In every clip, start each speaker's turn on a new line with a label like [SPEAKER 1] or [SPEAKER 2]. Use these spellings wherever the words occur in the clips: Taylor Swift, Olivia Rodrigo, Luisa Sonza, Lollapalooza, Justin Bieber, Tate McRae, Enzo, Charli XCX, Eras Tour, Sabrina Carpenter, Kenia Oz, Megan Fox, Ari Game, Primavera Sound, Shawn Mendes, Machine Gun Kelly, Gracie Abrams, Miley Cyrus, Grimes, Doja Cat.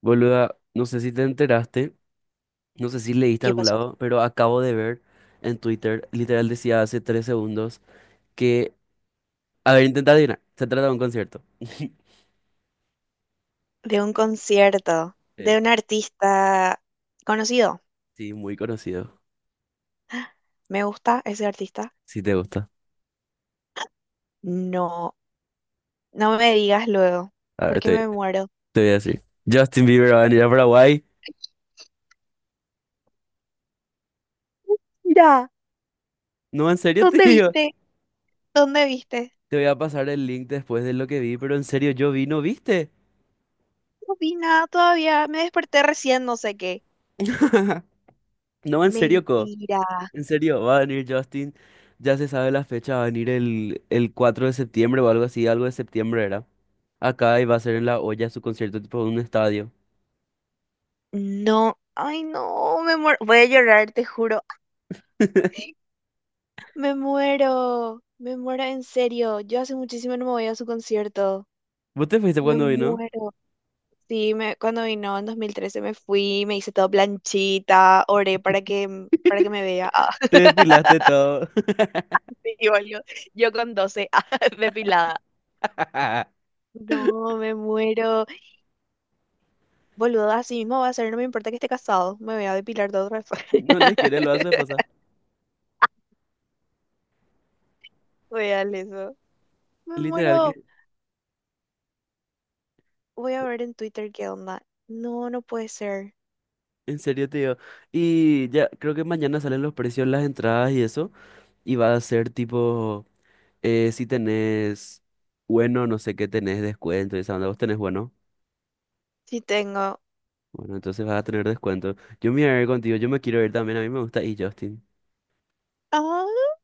[SPEAKER 1] Boluda, no sé si te enteraste, no sé si leíste a
[SPEAKER 2] ¿Qué
[SPEAKER 1] algún
[SPEAKER 2] pasó?
[SPEAKER 1] lado, pero acabo de ver en Twitter, literal decía hace 3 segundos, que, a ver, intenta adivinar, se trata de un concierto.
[SPEAKER 2] De un concierto de
[SPEAKER 1] Eh,
[SPEAKER 2] un artista conocido.
[SPEAKER 1] sí, muy conocido,
[SPEAKER 2] Me gusta ese artista.
[SPEAKER 1] si te gusta.
[SPEAKER 2] No, no me digas luego,
[SPEAKER 1] A ver,
[SPEAKER 2] porque
[SPEAKER 1] te,
[SPEAKER 2] me muero.
[SPEAKER 1] te voy a decir. Justin Bieber va a venir a Paraguay.
[SPEAKER 2] Mira,
[SPEAKER 1] No, en serio,
[SPEAKER 2] ¿dónde
[SPEAKER 1] tío.
[SPEAKER 2] viste? ¿Dónde viste?
[SPEAKER 1] Te voy a pasar el link después de lo que vi, pero en serio, yo vi, ¿no viste?
[SPEAKER 2] No vi nada todavía. Me desperté recién, no sé qué.
[SPEAKER 1] No, en serio, co.
[SPEAKER 2] Mentira.
[SPEAKER 1] En serio, va a venir Justin. Ya se sabe la fecha, va a venir el 4 de septiembre o algo así, algo de septiembre era. Acá y va a ser en La Olla su concierto tipo en un estadio.
[SPEAKER 2] No, ay no, me muero. Voy a llorar, te juro. Me muero. Me muero en serio. Yo hace muchísimo no me voy a su concierto.
[SPEAKER 1] ¿Vos te fuiste
[SPEAKER 2] Me
[SPEAKER 1] cuando vino?
[SPEAKER 2] muero. Sí, me, cuando vino en 2013 me fui, me hice todo planchita, oré para que me vea. Ah,
[SPEAKER 1] Te desfilaste todo.
[SPEAKER 2] sí, boludo. Yo con 12, ah, depilada. No, me muero. Boludo, así mismo va a ser, no me importa que esté casado. Me voy a depilar todo otra vez.
[SPEAKER 1] No les quiere lo a su esposa.
[SPEAKER 2] Real eso. Me
[SPEAKER 1] Literal
[SPEAKER 2] muero.
[SPEAKER 1] que,
[SPEAKER 2] Voy a ver en Twitter qué onda. No, no puede ser.
[SPEAKER 1] en serio te digo. Y ya, creo que mañana salen los precios, las entradas y eso. Y va a ser tipo, si tenés, bueno, no sé qué tenés, descuento y esa onda, vos tenés bueno.
[SPEAKER 2] Sí tengo.
[SPEAKER 1] Bueno, entonces vas a tener descuento. Yo me voy a ver contigo, yo me quiero ir también, a mí me gusta y Justin.
[SPEAKER 2] Ah,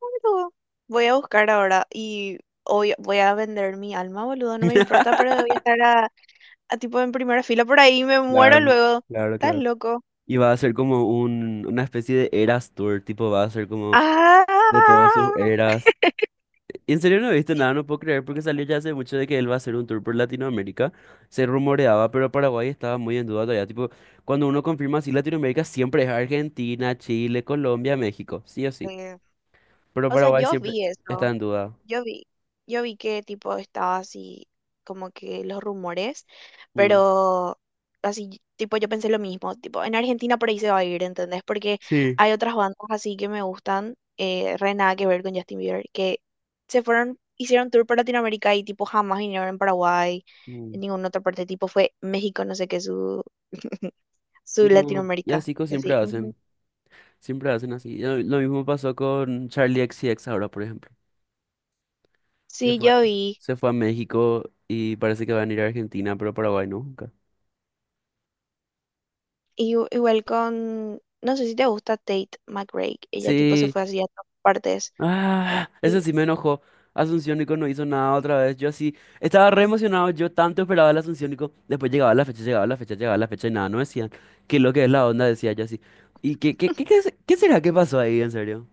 [SPEAKER 2] boludo. Voy a buscar ahora y hoy voy a vender mi alma, boludo. No me importa, pero voy a estar a tipo en primera fila por ahí, me muero
[SPEAKER 1] Claro,
[SPEAKER 2] luego.
[SPEAKER 1] claro,
[SPEAKER 2] Estás
[SPEAKER 1] claro.
[SPEAKER 2] loco.
[SPEAKER 1] Y va a ser como una especie de Eras Tour, tipo va a ser como de todas
[SPEAKER 2] Ah,
[SPEAKER 1] sus eras. Y en serio no he visto nada, no puedo creer porque salió ya hace mucho de que él va a hacer un tour por Latinoamérica. Se rumoreaba, pero Paraguay estaba muy en duda todavía. Tipo, cuando uno confirma así Latinoamérica siempre es Argentina, Chile, Colombia, México, sí o sí.
[SPEAKER 2] ve.
[SPEAKER 1] Pero
[SPEAKER 2] O sea,
[SPEAKER 1] Paraguay
[SPEAKER 2] yo
[SPEAKER 1] siempre
[SPEAKER 2] vi
[SPEAKER 1] está
[SPEAKER 2] eso.
[SPEAKER 1] en duda.
[SPEAKER 2] Yo vi, yo vi que tipo estaba así, como que los rumores,
[SPEAKER 1] Mm.
[SPEAKER 2] pero así, tipo yo pensé lo mismo, tipo en Argentina por ahí se va a ir, ¿entendés? Porque
[SPEAKER 1] Sí.
[SPEAKER 2] hay otras bandas así que me gustan, re nada que ver con Justin Bieber, que se fueron, hicieron tour por Latinoamérica y tipo jamás vinieron en Paraguay, en
[SPEAKER 1] Mm.
[SPEAKER 2] ninguna otra parte, tipo fue México, no sé qué, su
[SPEAKER 1] No, y
[SPEAKER 2] Latinoamérica.
[SPEAKER 1] así
[SPEAKER 2] Y así, "Ujú".
[SPEAKER 1] siempre hacen así. Lo mismo pasó con Charlie XCX ahora, por ejemplo. Se
[SPEAKER 2] Sí,
[SPEAKER 1] fue,
[SPEAKER 2] yo vi.
[SPEAKER 1] se fue a México y parece que van a ir a Argentina, pero Paraguay no, nunca.
[SPEAKER 2] Y, igual con, no sé si te gusta Tate McRae. Ella tipo se
[SPEAKER 1] Sí,
[SPEAKER 2] fue así a todas partes.
[SPEAKER 1] ah, eso
[SPEAKER 2] Y
[SPEAKER 1] sí me enojó. Asunción Nico no hizo nada otra vez. Yo así, estaba re emocionado, yo tanto esperaba el Asunción Nico. Después llegaba la fecha, llegaba la fecha, llegaba la fecha y nada, no decían. ¿Qué es lo que es la onda? Decía yo así. ¿Y qué será que pasó ahí, en serio?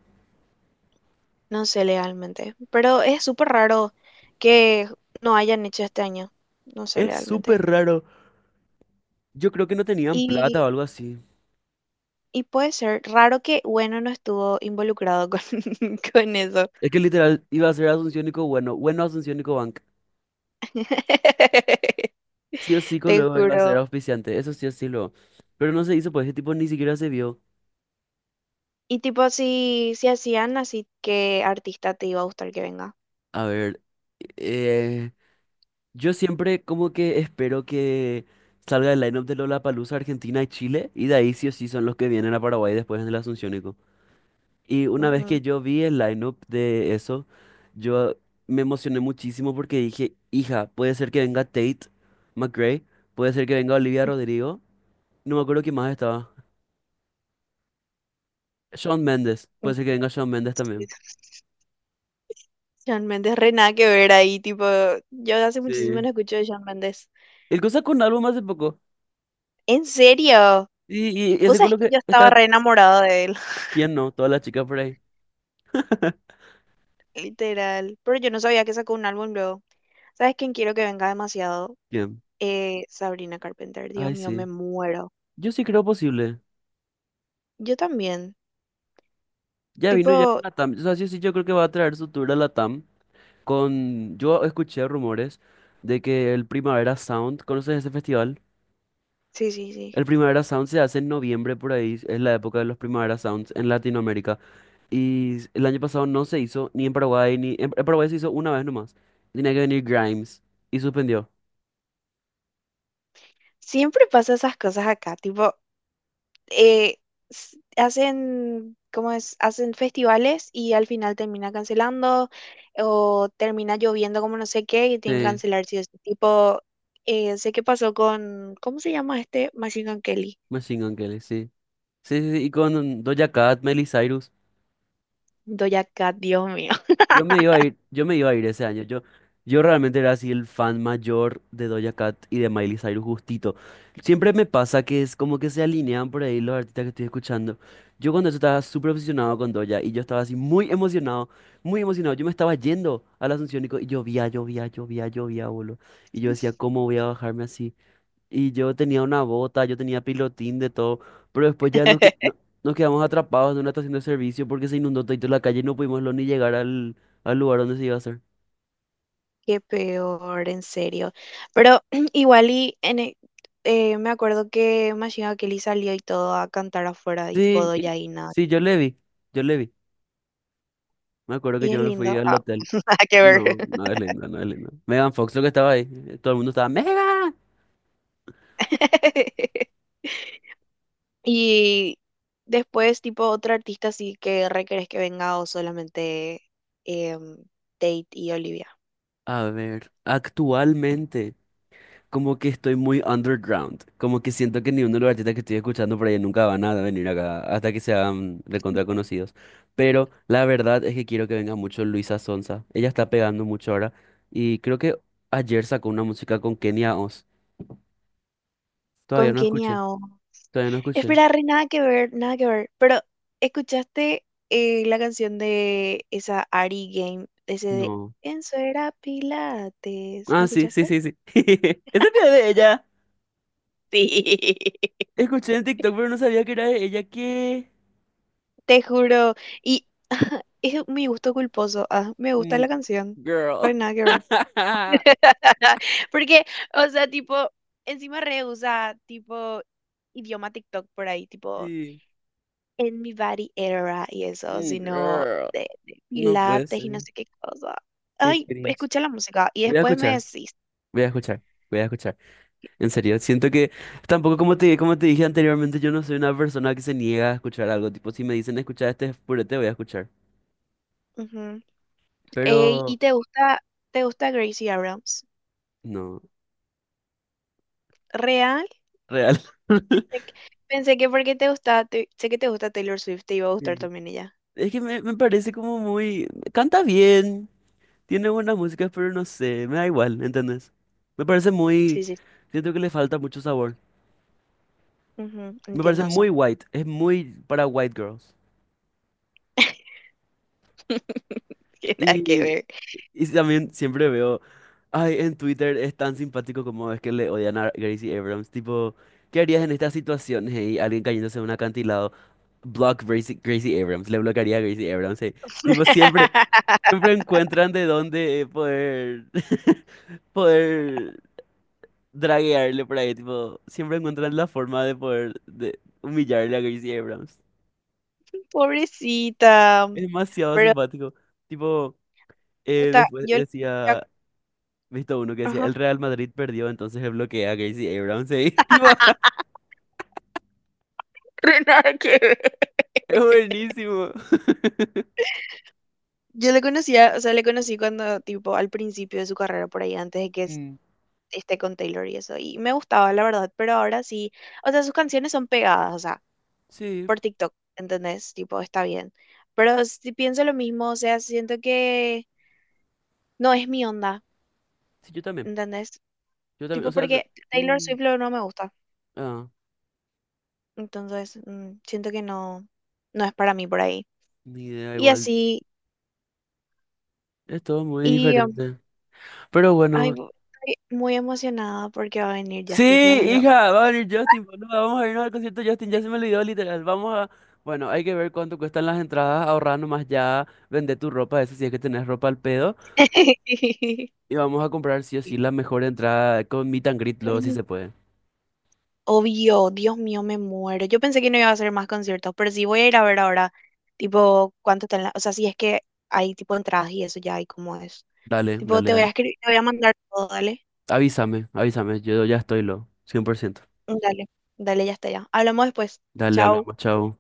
[SPEAKER 2] no sé legalmente. Pero es súper raro que no hayan hecho este año. No sé
[SPEAKER 1] Es
[SPEAKER 2] legalmente.
[SPEAKER 1] súper raro. Yo creo que no tenían plata
[SPEAKER 2] Y,
[SPEAKER 1] o algo así.
[SPEAKER 2] y puede ser raro que bueno no estuvo involucrado con, con eso.
[SPEAKER 1] Es que literal iba a ser Asunción y bueno Asunción y Cobanc. Sí o sí,
[SPEAKER 2] Te
[SPEAKER 1] luego iba a ser
[SPEAKER 2] juro.
[SPEAKER 1] auspiciante, eso sí o sí luego. Pero no se hizo, pues ese tipo ni siquiera se vio.
[SPEAKER 2] Y tipo, si, si hacían así, ¿qué artista te iba a gustar que venga?
[SPEAKER 1] A ver, eh, yo siempre como que espero que salga el line-up de Lollapalooza Argentina y Chile, y de ahí sí o sí son los que vienen a Paraguay después en el Asunciónico. Y una vez
[SPEAKER 2] Ujú.
[SPEAKER 1] que yo vi el line-up de eso, yo me emocioné muchísimo porque dije, hija, puede ser que venga Tate McRae, puede ser que venga Olivia Rodrigo. No me acuerdo quién más estaba. Shawn Mendes. Puede ser que venga Shawn Mendes
[SPEAKER 2] Sí,
[SPEAKER 1] también.
[SPEAKER 2] Shawn Mendes, re nada que ver ahí, tipo, yo hace muchísimo no
[SPEAKER 1] Sí.
[SPEAKER 2] escucho de Shawn Mendes.
[SPEAKER 1] El cosa con un álbum hace poco.
[SPEAKER 2] ¿En serio?
[SPEAKER 1] Y
[SPEAKER 2] Vos sabés
[SPEAKER 1] seguro
[SPEAKER 2] que
[SPEAKER 1] que
[SPEAKER 2] yo estaba
[SPEAKER 1] está.
[SPEAKER 2] re enamorada de él,
[SPEAKER 1] ¿Quién no? Todas las chicas por ahí.
[SPEAKER 2] literal, pero yo no sabía que sacó un álbum luego. ¿Sabes quién quiero que venga demasiado?
[SPEAKER 1] ¿Quién?
[SPEAKER 2] Sabrina Carpenter, Dios
[SPEAKER 1] Ay,
[SPEAKER 2] mío, me
[SPEAKER 1] sí.
[SPEAKER 2] muero.
[SPEAKER 1] Yo sí creo posible.
[SPEAKER 2] Yo también,
[SPEAKER 1] Ya vino ya a
[SPEAKER 2] tipo,
[SPEAKER 1] Latam. O sea, sí, sí, yo creo que va a traer su tour a Latam. Con... Yo escuché rumores de que el Primavera Sound, ¿conoces ese festival?
[SPEAKER 2] sí, sí, sí.
[SPEAKER 1] El Primavera Sound se hace en noviembre por ahí, es la época de los Primavera Sounds en Latinoamérica. Y el año pasado no se hizo, ni en Paraguay, ni en Paraguay se hizo una vez nomás. Tenía que venir Grimes y suspendió.
[SPEAKER 2] Siempre pasa esas cosas acá, tipo, eh, hacen, ¿cómo es? Hacen festivales y al final termina cancelando o termina lloviendo como no sé qué y tienen que
[SPEAKER 1] Sí,
[SPEAKER 2] cancelar sí o sí. Tipo, sé qué pasó con, ¿cómo se llama este? Machine Gun Kelly.
[SPEAKER 1] Machine Gun Kelly, sí. Sí, sí, sí, y con Doja Cat, Miley Cyrus.
[SPEAKER 2] Doja Cat, Dios mío.
[SPEAKER 1] Yo me iba a ir, yo me iba a ir ese año. Yo realmente era así el fan mayor de Doja Cat y de Miley Cyrus justito. Siempre me pasa que es como que se alinean por ahí los artistas que estoy escuchando. Yo cuando eso estaba súper obsesionado con Doja y yo estaba así muy emocionado, muy emocionado. Yo me estaba yendo a la Asunción y y llovía, llovía, llovía, llovía, boludo. Y yo decía, ¿cómo voy a bajarme así? Y yo tenía una bota, yo tenía pilotín de todo, pero después ya nos, nos quedamos atrapados en una estación de servicio porque se inundó todo la calle y no pudimos ni llegar al lugar donde se iba a hacer.
[SPEAKER 2] Qué peor, en serio. Pero igual y me acuerdo que Machine Gun Kelly salió y todo a cantar afuera y tipo
[SPEAKER 1] Sí,
[SPEAKER 2] Doja y nada.
[SPEAKER 1] sí, yo le vi, yo le vi. Me acuerdo que
[SPEAKER 2] Y es
[SPEAKER 1] yo me
[SPEAKER 2] lindo.
[SPEAKER 1] fui al
[SPEAKER 2] Ah,
[SPEAKER 1] hotel.
[SPEAKER 2] nada que ver.
[SPEAKER 1] No, no es linda, no es linda. Megan Fox lo que estaba ahí, todo el mundo estaba, ¡Megan!
[SPEAKER 2] Y después, tipo, otro artista sí que requerés que venga o solamente em, Tate y Olivia.
[SPEAKER 1] A ver, actualmente, como que estoy muy underground. Como que siento que ni uno de los artistas que estoy escuchando por ahí nunca van a venir acá hasta que sean recontra conocidos. Pero la verdad es que quiero que venga mucho Luisa Sonza. Ella está pegando mucho ahora. Y creo que ayer sacó una música con Kenia Oz. Todavía
[SPEAKER 2] Con
[SPEAKER 1] no
[SPEAKER 2] Kenia
[SPEAKER 1] escuché.
[SPEAKER 2] o...
[SPEAKER 1] Todavía no escuché.
[SPEAKER 2] Espera, re, nada que ver, nada que ver. Pero, ¿escuchaste la canción de esa Ari Game? Ese de
[SPEAKER 1] No.
[SPEAKER 2] Enzo era Pilates. ¿No
[SPEAKER 1] Ah, sí, sí,
[SPEAKER 2] escuchaste?
[SPEAKER 1] sí, sí. Esa es de ella.
[SPEAKER 2] Sí.
[SPEAKER 1] Escuché en TikTok, pero no sabía que era de ella. ¿Qué?
[SPEAKER 2] Te juro. Y es mi gusto culposo. Ah, me gusta la
[SPEAKER 1] Mm,
[SPEAKER 2] canción. Re,
[SPEAKER 1] girl.
[SPEAKER 2] nada que ver. Porque, o sea, tipo, encima re usa tipo, idioma TikTok por ahí, tipo,
[SPEAKER 1] Sí.
[SPEAKER 2] en mi body era y eso,
[SPEAKER 1] Mm,
[SPEAKER 2] sino
[SPEAKER 1] girl.
[SPEAKER 2] de
[SPEAKER 1] No puede
[SPEAKER 2] pilates y no
[SPEAKER 1] ser.
[SPEAKER 2] sé qué cosa.
[SPEAKER 1] Qué
[SPEAKER 2] Ay,
[SPEAKER 1] cringe.
[SPEAKER 2] escucha la música y
[SPEAKER 1] Voy a
[SPEAKER 2] después me
[SPEAKER 1] escuchar,
[SPEAKER 2] decís.
[SPEAKER 1] voy a escuchar, voy a escuchar. En serio, siento que tampoco como te, dije anteriormente, yo no soy una persona que se niega a escuchar algo. Tipo, si me dicen escuchar este purete, voy a escuchar.
[SPEAKER 2] Ujú. Ey, ¿y
[SPEAKER 1] Pero
[SPEAKER 2] te gusta Gracie Abrams?
[SPEAKER 1] no,
[SPEAKER 2] ¿Real?
[SPEAKER 1] real.
[SPEAKER 2] Pensé que, pensé que porque te gusta sé que te gusta Taylor Swift, te iba a gustar
[SPEAKER 1] Sí.
[SPEAKER 2] también ella.
[SPEAKER 1] Es que me parece como muy... Canta bien, tiene buenas músicas, pero no sé, me da igual, ¿entendés? Me parece
[SPEAKER 2] Sí,
[SPEAKER 1] muy...
[SPEAKER 2] sí.
[SPEAKER 1] Siento que le falta mucho sabor.
[SPEAKER 2] Ujú,
[SPEAKER 1] Me parece
[SPEAKER 2] entiendo eso.
[SPEAKER 1] muy white, es muy para white girls.
[SPEAKER 2] Tiene nada que ver.
[SPEAKER 1] Y también siempre veo, ay, en Twitter es tan simpático como es que le odian a Gracie Abrams. Tipo, ¿qué harías en estas situaciones? Y alguien cayéndose de un acantilado. Block Gracie, Gracie Abrams. Le bloquearía a Gracie Abrams. Tipo, siempre, siempre encuentran de dónde poder, poder draguearle por ahí. Tipo, siempre encuentran la forma de poder de humillarle a Gracie Abrams.
[SPEAKER 2] Pobrecita.
[SPEAKER 1] Es demasiado
[SPEAKER 2] Pero
[SPEAKER 1] simpático. Tipo,
[SPEAKER 2] puta
[SPEAKER 1] después
[SPEAKER 2] yo conocía-
[SPEAKER 1] decía. Visto uno que decía,
[SPEAKER 2] ajá.
[SPEAKER 1] el Real Madrid perdió, entonces se bloquea a Casey Abrams. Sí, tipo,
[SPEAKER 2] Nada que ver.
[SPEAKER 1] es buenísimo.
[SPEAKER 2] Yo le conocía, o sea, le conocí cuando, tipo, al principio de su carrera por ahí, antes de
[SPEAKER 1] Mm,
[SPEAKER 2] esté con Taylor y eso. Y me gustaba, la verdad, pero ahora sí. O sea, sus canciones son pegadas, o sea.
[SPEAKER 1] sí,
[SPEAKER 2] Por TikTok, ¿entendés? Tipo, está bien. Pero si pienso lo mismo, o sea, siento que no es mi onda,
[SPEAKER 1] sí, yo también.
[SPEAKER 2] ¿entendés?
[SPEAKER 1] Yo también,
[SPEAKER 2] Tipo,
[SPEAKER 1] o sea,
[SPEAKER 2] porque Taylor
[SPEAKER 1] mm,
[SPEAKER 2] Swift luego no me gusta.
[SPEAKER 1] ah,
[SPEAKER 2] Entonces, mm, siento que no, no es para mí por ahí.
[SPEAKER 1] ni idea
[SPEAKER 2] Y
[SPEAKER 1] igual.
[SPEAKER 2] así,
[SPEAKER 1] Es todo muy
[SPEAKER 2] y
[SPEAKER 1] diferente. Pero
[SPEAKER 2] ay,
[SPEAKER 1] bueno.
[SPEAKER 2] estoy muy emocionada porque va a venir
[SPEAKER 1] Sí,
[SPEAKER 2] Justin, Dios mío.
[SPEAKER 1] hija, va a venir Justin, boludo, vamos a irnos al concierto de Justin, ya se me olvidó literal. Vamos a... Bueno, hay que ver cuánto cuestan las entradas, ahorrar nomás ya, vender tu ropa, eso si es que tenés ropa al pedo. Y vamos a comprar sí o sí la mejor entrada con meet and greet luego si se puede.
[SPEAKER 2] Obvio, Dios mío, me muero. Yo pensé que no iba a hacer más conciertos, pero sí voy a ir a ver ahora, tipo, cuánto están las, o sea, si es que hay tipo entradas y eso ya hay como es.
[SPEAKER 1] Dale,
[SPEAKER 2] Tipo,
[SPEAKER 1] dale,
[SPEAKER 2] te voy a
[SPEAKER 1] dale.
[SPEAKER 2] escribir, te voy a mandar todo, dale.
[SPEAKER 1] Avísame, avísame, yo ya estoy lo, 100%.
[SPEAKER 2] Dale, dale, ya está ya. Hablamos después.
[SPEAKER 1] Dale,
[SPEAKER 2] Chao.
[SPEAKER 1] hablamos, chao.